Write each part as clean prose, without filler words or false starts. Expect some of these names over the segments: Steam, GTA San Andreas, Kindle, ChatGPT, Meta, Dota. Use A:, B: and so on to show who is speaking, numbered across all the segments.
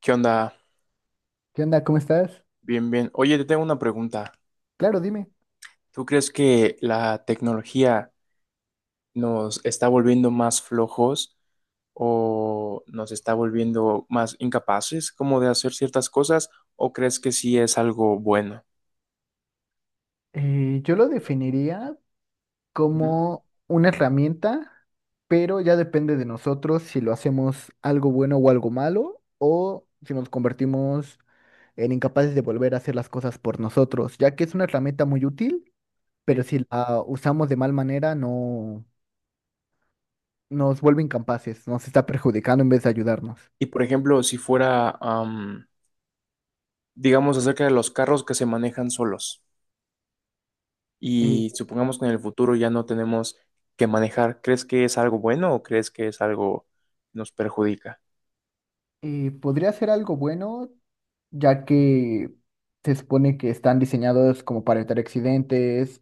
A: ¿Qué onda?
B: ¿Qué onda? ¿Cómo estás?
A: Bien, bien. Oye, te tengo una pregunta.
B: Claro, dime.
A: ¿Tú crees que la tecnología nos está volviendo más flojos o nos está volviendo más incapaces como de hacer ciertas cosas o crees que sí es algo bueno?
B: Yo lo definiría
A: Ujú,
B: como una herramienta, pero ya depende de nosotros si lo hacemos algo bueno o algo malo, o si nos convertimos en incapaces de volver a hacer las cosas por nosotros, ya que es una herramienta muy útil, pero
A: sí.
B: si la usamos de mal manera, no nos vuelve incapaces, nos está perjudicando en vez de ayudarnos.
A: Y por ejemplo, si fuera, digamos, acerca de los carros que se manejan solos
B: Eh,
A: y supongamos que en el futuro ya no tenemos que manejar, ¿crees que es algo bueno o crees que es algo que nos perjudica?
B: podría ser algo bueno ya que se supone que están diseñados como para evitar accidentes,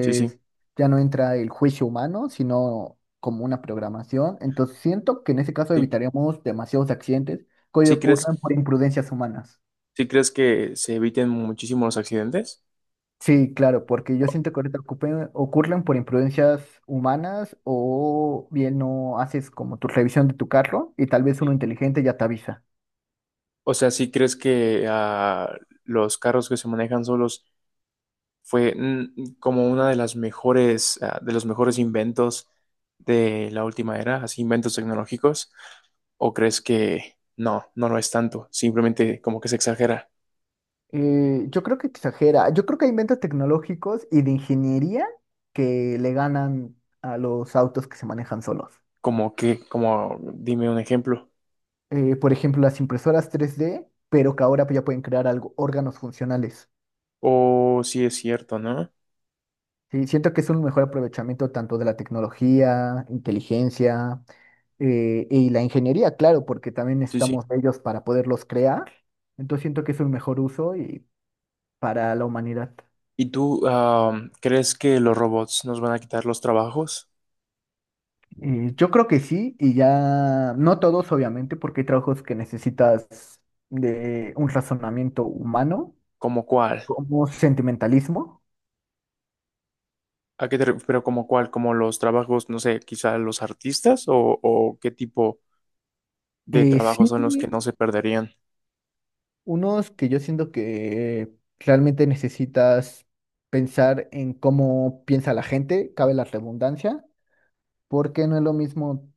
A: Sí, sí,
B: ya no entra el juicio humano, sino como una programación. Entonces siento que en ese caso
A: sí.
B: evitaríamos demasiados accidentes que hoy
A: ¿Sí crees,
B: ocurren por imprudencias humanas.
A: sí crees que se eviten muchísimo los accidentes?
B: Sí, claro, porque yo siento que ahorita ocurren por imprudencias humanas o bien no haces como tu revisión de tu carro y tal vez uno
A: Sí.
B: inteligente ya te avisa.
A: O sea, ¿sí crees que los carros que se manejan solos fue como una de las mejores, de los mejores inventos de la última era, así inventos tecnológicos? ¿O crees que no lo es tanto? Simplemente como que se exagera,
B: Yo creo que exagera. Yo creo que hay inventos tecnológicos y de ingeniería que le ganan a los autos que se manejan solos.
A: dime un ejemplo.
B: Por ejemplo, las impresoras 3D, pero que ahora ya pueden crear algo, órganos funcionales.
A: O sí es cierto, ¿no?
B: Sí, siento que es un mejor aprovechamiento tanto de la tecnología, inteligencia y la ingeniería, claro, porque también
A: Sí, sí.
B: necesitamos de ellos para poderlos crear. Entonces siento que es un mejor uso y para la humanidad.
A: ¿Y tú crees que los robots nos van a quitar los trabajos?
B: Yo creo que sí, y ya, no todos obviamente, porque hay trabajos que necesitas de un razonamiento humano,
A: ¿Como cuál?
B: como sentimentalismo.
A: ¿A qué te ref- ¿Pero como cuál? ¿Como los trabajos, no sé, quizá los artistas o qué tipo de
B: Sí,
A: trabajos son los que no se perderían?
B: unos que yo siento que realmente necesitas pensar en cómo piensa la gente, cabe la redundancia, porque no es lo mismo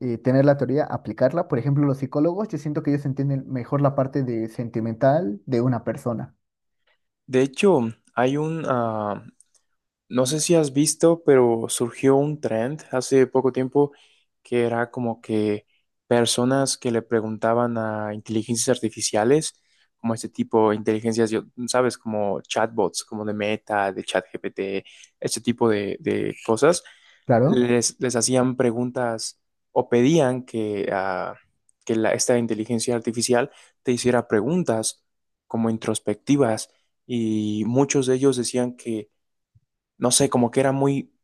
B: tener la teoría, aplicarla. Por ejemplo, los psicólogos, yo siento que ellos entienden mejor la parte de sentimental de una persona.
A: De hecho, hay un, ah, no sé si has visto, pero surgió un trend hace poco tiempo que era como que personas que le preguntaban a inteligencias artificiales, como este tipo de inteligencias, sabes, como chatbots, como de Meta, de ChatGPT, este tipo de cosas,
B: Claro.
A: les hacían preguntas o pedían que, que esta inteligencia artificial te hiciera preguntas como introspectivas y muchos de ellos decían que no sé, como que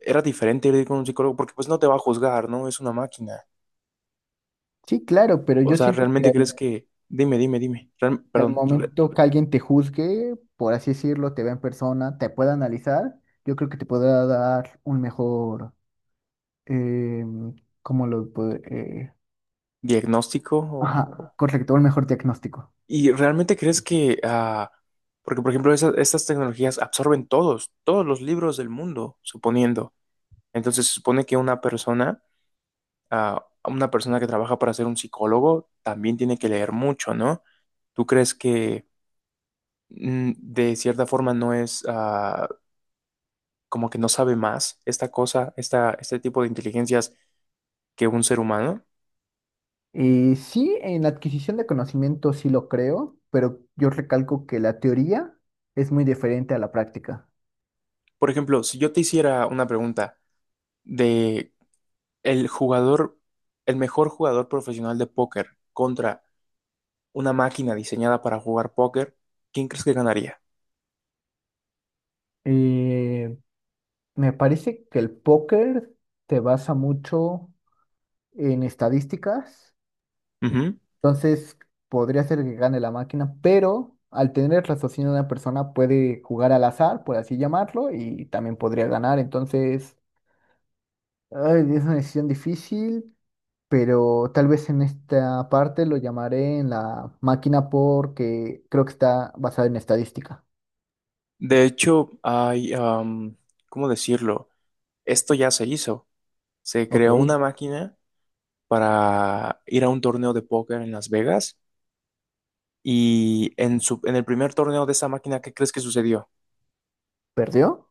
A: era diferente ir con un psicólogo porque pues no te va a juzgar, ¿no? Es una máquina.
B: Sí, claro, pero
A: O
B: yo
A: sea,
B: siento que
A: ¿realmente crees
B: al
A: que, dime,
B: Al momento que alguien te juzgue, por así decirlo, te vea en persona, te pueda analizar, yo creo que te podrá dar un mejor, eh, ¿cómo lo puedo? eh,
A: diagnóstico?
B: ajá, correcto, un mejor diagnóstico.
A: ¿Y realmente crees que, ah, porque por ejemplo, estas tecnologías absorben todos los libros del mundo, suponiendo. Entonces se supone que una persona, una persona que trabaja para ser un psicólogo, también tiene que leer mucho, ¿no? ¿Tú crees que de cierta forma no es... como que no sabe más esta cosa, este tipo de inteligencias que un ser humano.
B: Sí, en la adquisición de conocimiento sí lo creo, pero yo recalco que la teoría es muy diferente a la práctica.
A: Por ejemplo, si yo te hiciera una pregunta de el jugador, el mejor jugador profesional de póker contra una máquina diseñada para jugar póker, ¿quién crees que ganaría?
B: Eh, me parece que el póker te basa mucho en estadísticas.
A: Ujú.
B: Entonces, podría ser que gane la máquina, pero al tener el raciocinio de una persona puede jugar al azar, por así llamarlo, y también podría ganar. Entonces, ay, es una decisión difícil, pero tal vez en esta parte lo llamaré en la máquina porque creo que está basada en estadística.
A: De hecho, ¿cómo decirlo? Esto ya se hizo. Se
B: Ok,
A: creó una máquina para ir a un torneo de póker en Las Vegas y en el primer torneo de esa máquina, ¿qué crees que sucedió?
B: ¿perdió?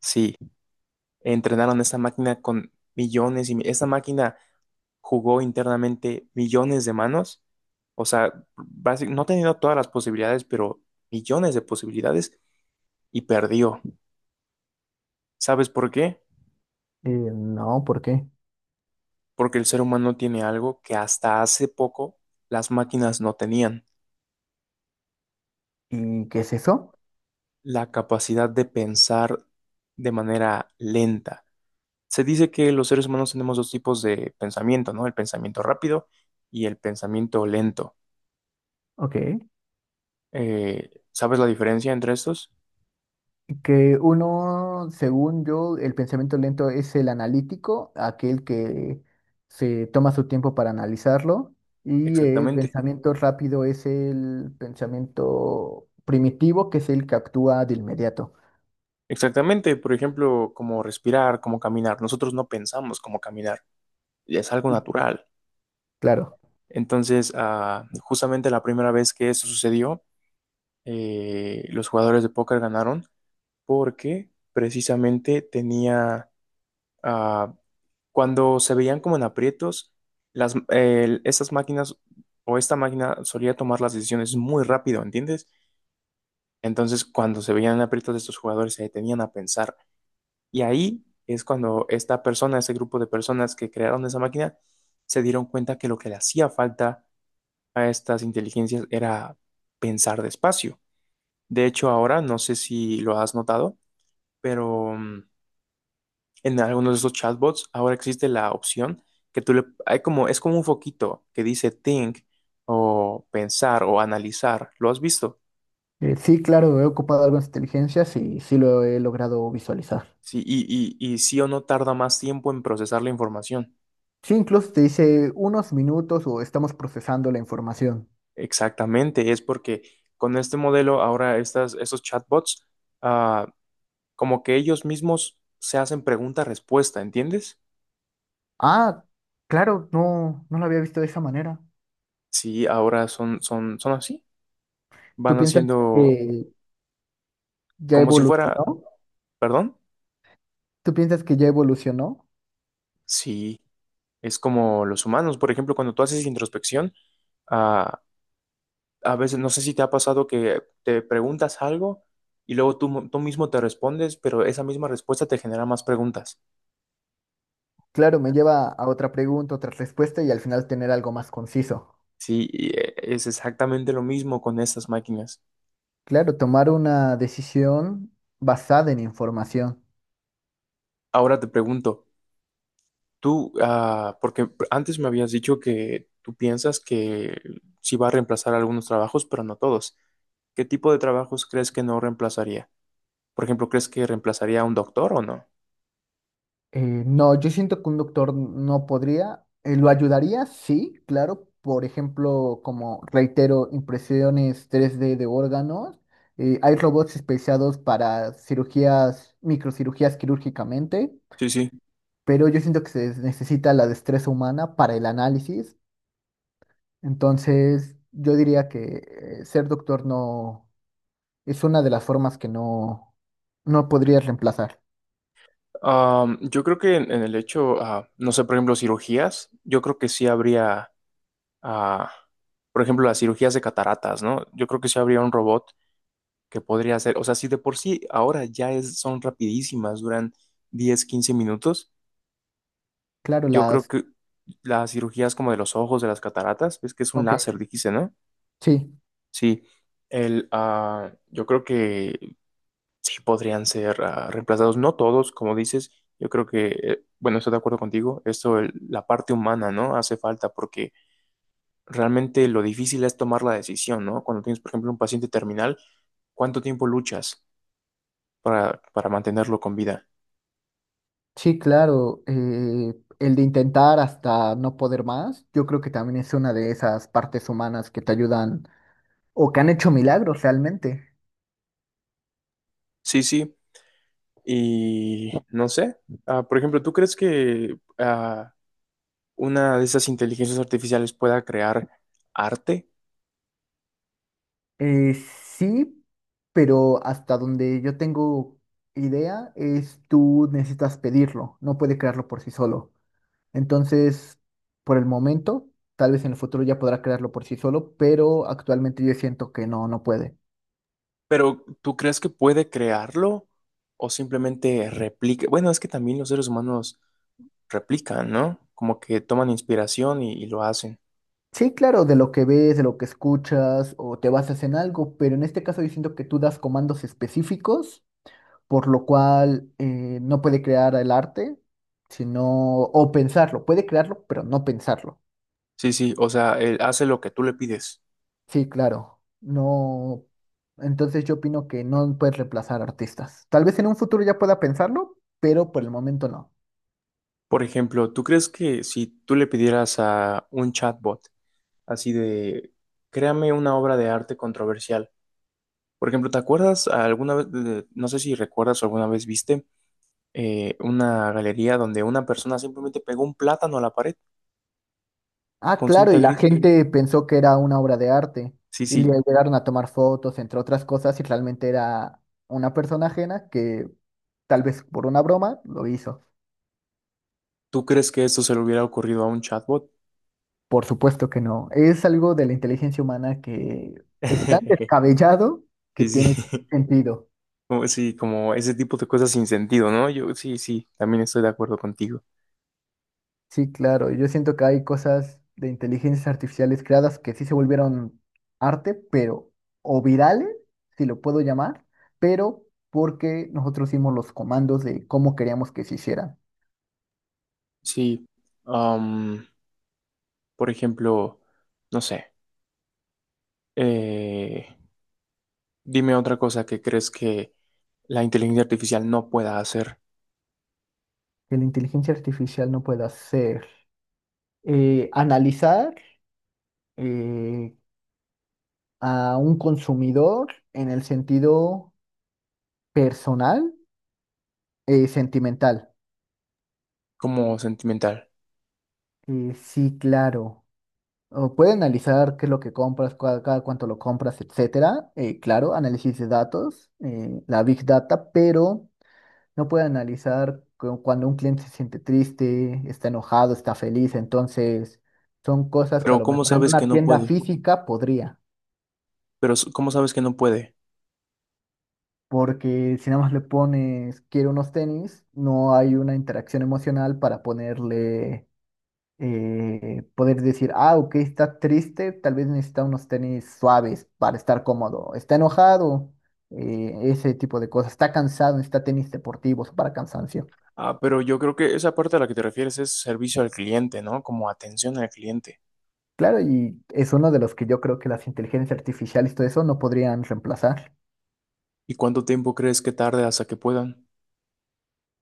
A: Sí, entrenaron esta máquina con millones y mi- esta máquina jugó internamente millones de manos, o sea, no teniendo todas las posibilidades, pero millones de posibilidades y perdió. ¿Sabes por qué?
B: No, ¿por qué?
A: Porque el ser humano tiene algo que hasta hace poco las máquinas no tenían,
B: ¿Y qué es eso?
A: la capacidad de pensar de manera lenta. Se dice que los seres humanos tenemos dos tipos de pensamiento, ¿no? El pensamiento rápido y el pensamiento lento.
B: Ok.
A: ¿Sabes la diferencia entre estos?
B: Que uno, según yo, el pensamiento lento es el analítico, aquel que se toma su tiempo para analizarlo, y el
A: Exactamente.
B: pensamiento rápido es el pensamiento primitivo, que es el que actúa de inmediato.
A: Exactamente, por ejemplo, como respirar, como caminar. Nosotros no pensamos como caminar, es algo natural.
B: Claro.
A: Entonces, justamente la primera vez que eso sucedió, los jugadores de póker ganaron porque precisamente tenía, ah, cuando se veían como en aprietos, estas máquinas o esta máquina solía tomar las decisiones muy rápido, ¿entiendes? Entonces, cuando se veían aprietos de estos jugadores, se detenían a pensar. Y ahí es cuando esta persona, ese grupo de personas que crearon esa máquina, se dieron cuenta que lo que le hacía falta a estas inteligencias era pensar despacio. De hecho, ahora, no sé si lo has notado, pero en algunos de esos chatbots ahora existe la opción que tú le... Hay como, es como un foquito que dice think o pensar o analizar. ¿Lo has visto?
B: Sí, claro, he ocupado algunas inteligencias y sí lo he logrado visualizar.
A: Sí, y sí o no tarda más tiempo en procesar la información.
B: Sí, incluso te dice unos minutos o estamos procesando la información.
A: Exactamente, es porque con este modelo ahora estos chatbots, ah, como que ellos mismos se hacen pregunta-respuesta, ¿entiendes?
B: Ah, claro, no, no lo había visto de esa manera.
A: Sí, ahora son así,
B: ¿Tú
A: van
B: piensas
A: haciendo
B: que... ¿Ya
A: como si fuera,
B: evolucionó?
A: perdón,
B: ¿Tú piensas que ya evolucionó?
A: sí, es como los humanos, por ejemplo, cuando tú haces introspección, ah, a veces no sé si te ha pasado que te preguntas algo y luego tú mismo te respondes, pero esa misma respuesta te genera más preguntas.
B: Claro, me lleva a otra pregunta, otra respuesta y al final tener algo más conciso.
A: Sí, es exactamente lo mismo con estas máquinas.
B: Claro, tomar una decisión basada en información.
A: Ahora te pregunto, porque antes me habías dicho que tú piensas que sí va a reemplazar algunos trabajos, pero no todos. ¿Qué tipo de trabajos crees que no reemplazaría? Por ejemplo, ¿crees que reemplazaría a un doctor o no?
B: No, yo siento que un doctor no podría. ¿Lo ayudaría? Sí, claro. Por ejemplo, como reitero, impresiones 3D de órganos. Hay robots especializados para cirugías, microcirugías quirúrgicamente,
A: Sí, sí.
B: pero yo siento que se necesita la destreza humana para el análisis. Entonces, yo diría que ser doctor no es una de las formas que no, no podrías reemplazar.
A: Yo creo que en el hecho, no sé, por ejemplo, cirugías, yo creo que sí habría, ah, por ejemplo, las cirugías de cataratas, ¿no? Yo creo que sí habría un robot que podría hacer, o sea, si de por sí ahora son rapidísimas, duran 10, 15 minutos.
B: Claro,
A: Yo creo
B: las...
A: que las cirugías como de los ojos, de las cataratas, es que es un láser,
B: Ok,
A: dijiste, ¿no?
B: sí,
A: Sí, yo creo que sí podrían ser reemplazados, no todos, como dices, yo creo que, bueno, estoy de acuerdo contigo, la parte humana, ¿no? Hace falta porque realmente lo difícil es tomar la decisión, ¿no? Cuando tienes, por ejemplo, un paciente terminal, ¿cuánto tiempo luchas para mantenerlo con vida?
B: sí, claro. El de intentar hasta no poder más, yo creo que también es una de esas partes humanas que te ayudan o que han hecho milagros realmente.
A: Sí, sí, y no sé, por ejemplo, ¿tú crees que... una de esas inteligencias artificiales pueda crear arte,
B: Eh, sí, pero hasta donde yo tengo idea es tú necesitas pedirlo, no puede crearlo por sí solo. Entonces, por el momento, tal vez en el futuro ya podrá crearlo por sí solo, pero actualmente yo siento que no, no puede.
A: pero ¿tú crees que puede crearlo o simplemente replica? Bueno, es que también los seres humanos replican, ¿no? Como que toman inspiración y lo hacen.
B: Sí, claro, de lo que ves, de lo que escuchas o te basas en algo, pero en este caso yo siento que tú das comandos específicos, por lo cual no puede crear el arte, sino, o pensarlo, puede crearlo, pero no pensarlo.
A: Sí, sí, o sea, él hace lo que tú le pides.
B: Sí, claro, no. Entonces yo opino que no puedes reemplazar artistas. Tal vez en un futuro ya pueda pensarlo, pero por el momento no.
A: Por ejemplo, ¿tú crees que si tú le pidieras a un chatbot así de, créame una obra de arte controversial? Por ejemplo, ¿te acuerdas alguna vez, no sé si recuerdas o alguna vez viste una galería donde una persona simplemente pegó un plátano a la pared
B: Ah,
A: con
B: claro,
A: cinta
B: y la
A: gris?
B: gente pensó que era una obra de arte.
A: Sí,
B: Y le
A: sí,
B: llegaron a tomar fotos, entre otras cosas, y realmente era una persona ajena que tal vez por una broma lo hizo.
A: ¿tú crees que esto se le hubiera ocurrido a un chatbot?
B: Por supuesto que no. Es algo de la inteligencia humana que es tan descabellado que
A: Sí,
B: tiene
A: sí,
B: sentido.
A: como, sí, como ese tipo de cosas sin sentido, ¿no? Yo sí, sí, también estoy de acuerdo contigo.
B: Sí, claro. Yo siento que hay cosas de inteligencias artificiales creadas que sí se volvieron arte, pero, o virales, si lo puedo llamar, pero porque nosotros hicimos los comandos de cómo queríamos que se hicieran.
A: Sí, am, por ejemplo, no sé, eh, dime otra cosa que crees que la inteligencia artificial no pueda hacer
B: Que la inteligencia artificial no puede hacer analizar eh, a un consumidor en el sentido personal, sentimental.
A: como sentimental.
B: Sí, claro. O puede analizar qué es lo que compras, cada cuánto lo compras, etcétera. Claro, análisis de datos, la big data, pero no puede analizar cuando un cliente se siente triste, está enojado, está feliz. Entonces, son cosas que a
A: Pero
B: lo
A: ¿cómo
B: mejor en
A: sabes que
B: una
A: no
B: tienda
A: puede?
B: física podría,
A: Cómo sabes que no puede?
B: porque si nada más le pones quiero unos tenis, no hay una interacción emocional para ponerle poder decir, ah, ok, está triste, tal vez necesita unos tenis suaves para estar cómodo, está enojado, ese tipo de cosas, está cansado, necesita tenis deportivos para cansancio.
A: Ah, pero yo creo que esa parte a la que te refieres es servicio al cliente, ¿no? Como atención al cliente.
B: Claro, y es uno de los que yo creo que las inteligencias artificiales y todo eso no podrían reemplazar
A: ¿Y cuánto tiempo crees que tarde hasta que puedan?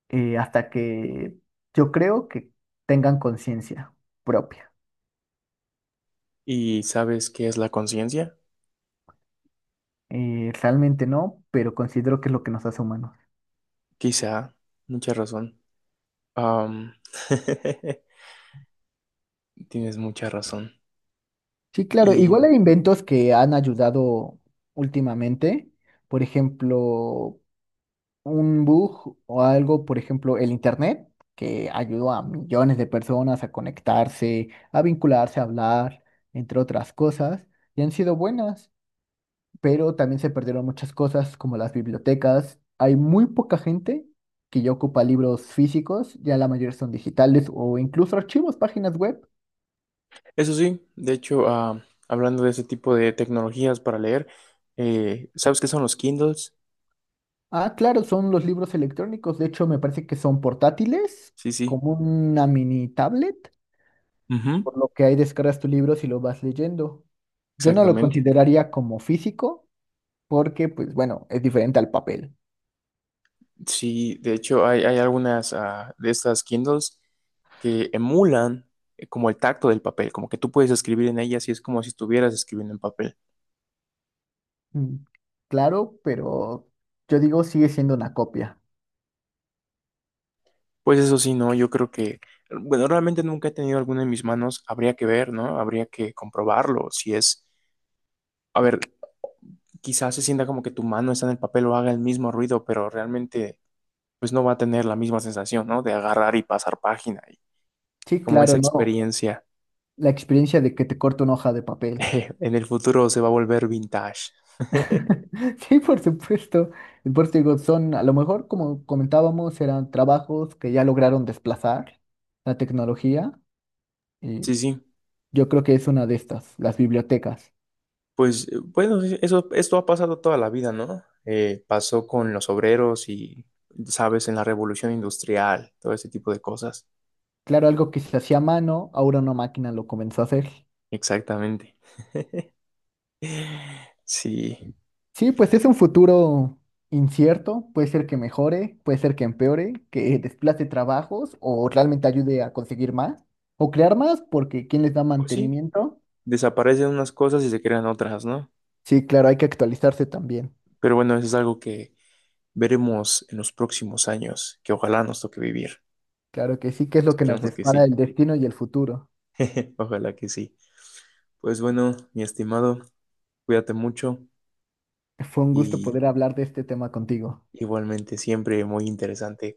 B: hasta que yo creo que tengan conciencia propia.
A: ¿Y sabes qué es la conciencia?
B: Realmente no, pero considero que es lo que nos hace humanos.
A: Quizá, mucha razón. Am, tienes mucha razón.
B: Sí, claro,
A: Y
B: igual hay inventos que han ayudado últimamente, por ejemplo, un bug o algo, por ejemplo, el Internet, que ayudó a millones de personas a conectarse, a vincularse, a hablar, entre otras cosas, y han sido buenas, pero también se perdieron muchas cosas como las bibliotecas. Hay muy poca gente que ya ocupa libros físicos, ya la mayoría son digitales o incluso archivos, páginas web.
A: eso sí, de hecho, hablando de ese tipo de tecnologías para leer, ¿sabes qué son los Kindles?
B: Ah, claro, son los libros electrónicos. De hecho, me parece que son portátiles,
A: Sí, sí.
B: como una mini tablet,
A: Ujú,
B: por lo que ahí descargas tu libro y lo vas leyendo. Yo no lo
A: exactamente.
B: consideraría como físico, porque, pues bueno, es diferente al papel.
A: Sí, de hecho hay algunas de estas Kindles que emulan como el tacto del papel, como que tú puedes escribir en ellas y es como si estuvieras escribiendo en papel.
B: Mm, claro, pero yo digo, sigue siendo una copia.
A: Pues eso sí, no, yo creo que, bueno, realmente nunca he tenido alguna en mis manos, habría que ver, ¿no? Habría que comprobarlo, si es, a ver, quizás se sienta como que tu mano está en el papel o haga el mismo ruido, pero realmente pues no va a tener la misma sensación, ¿no? De agarrar y pasar página y
B: Sí,
A: como
B: claro,
A: esa
B: no.
A: experiencia.
B: La experiencia de que te corto una hoja de papel.
A: En el futuro se va a volver vintage.
B: Sí, por supuesto. Y por eso digo, son, a lo mejor, como comentábamos, eran trabajos que ya lograron desplazar la tecnología. Y
A: Sí, sí,
B: yo creo que es una de estas, las bibliotecas.
A: pues bueno, sí, eso, esto ha pasado toda la vida, ¿no? Pasó con los obreros y, sabes, en la revolución industrial, todo ese tipo de cosas.
B: Claro, algo que se hacía a mano, ahora una máquina lo comenzó a hacer.
A: Exactamente. Sí,
B: Sí, pues es un futuro incierto, puede ser que mejore, puede ser que empeore, que desplace trabajos o realmente ayude a conseguir más o crear más, porque ¿quién les da
A: pues sí,
B: mantenimiento?
A: desaparecen unas cosas y se crean otras, ¿no?
B: Sí, claro, hay que actualizarse también.
A: Pero bueno, eso es algo que veremos en los próximos años, que ojalá nos toque vivir.
B: Claro que sí, que es lo que nos
A: Esperemos que
B: depara
A: sí,
B: el destino y el futuro.
A: ojalá que sí. Pues bueno, mi estimado, cuídate mucho
B: Fue un gusto
A: y
B: poder hablar de este tema contigo.
A: igualmente siempre muy interesante.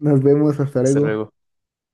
B: Nos vemos, hasta
A: Hasta luego.
B: luego.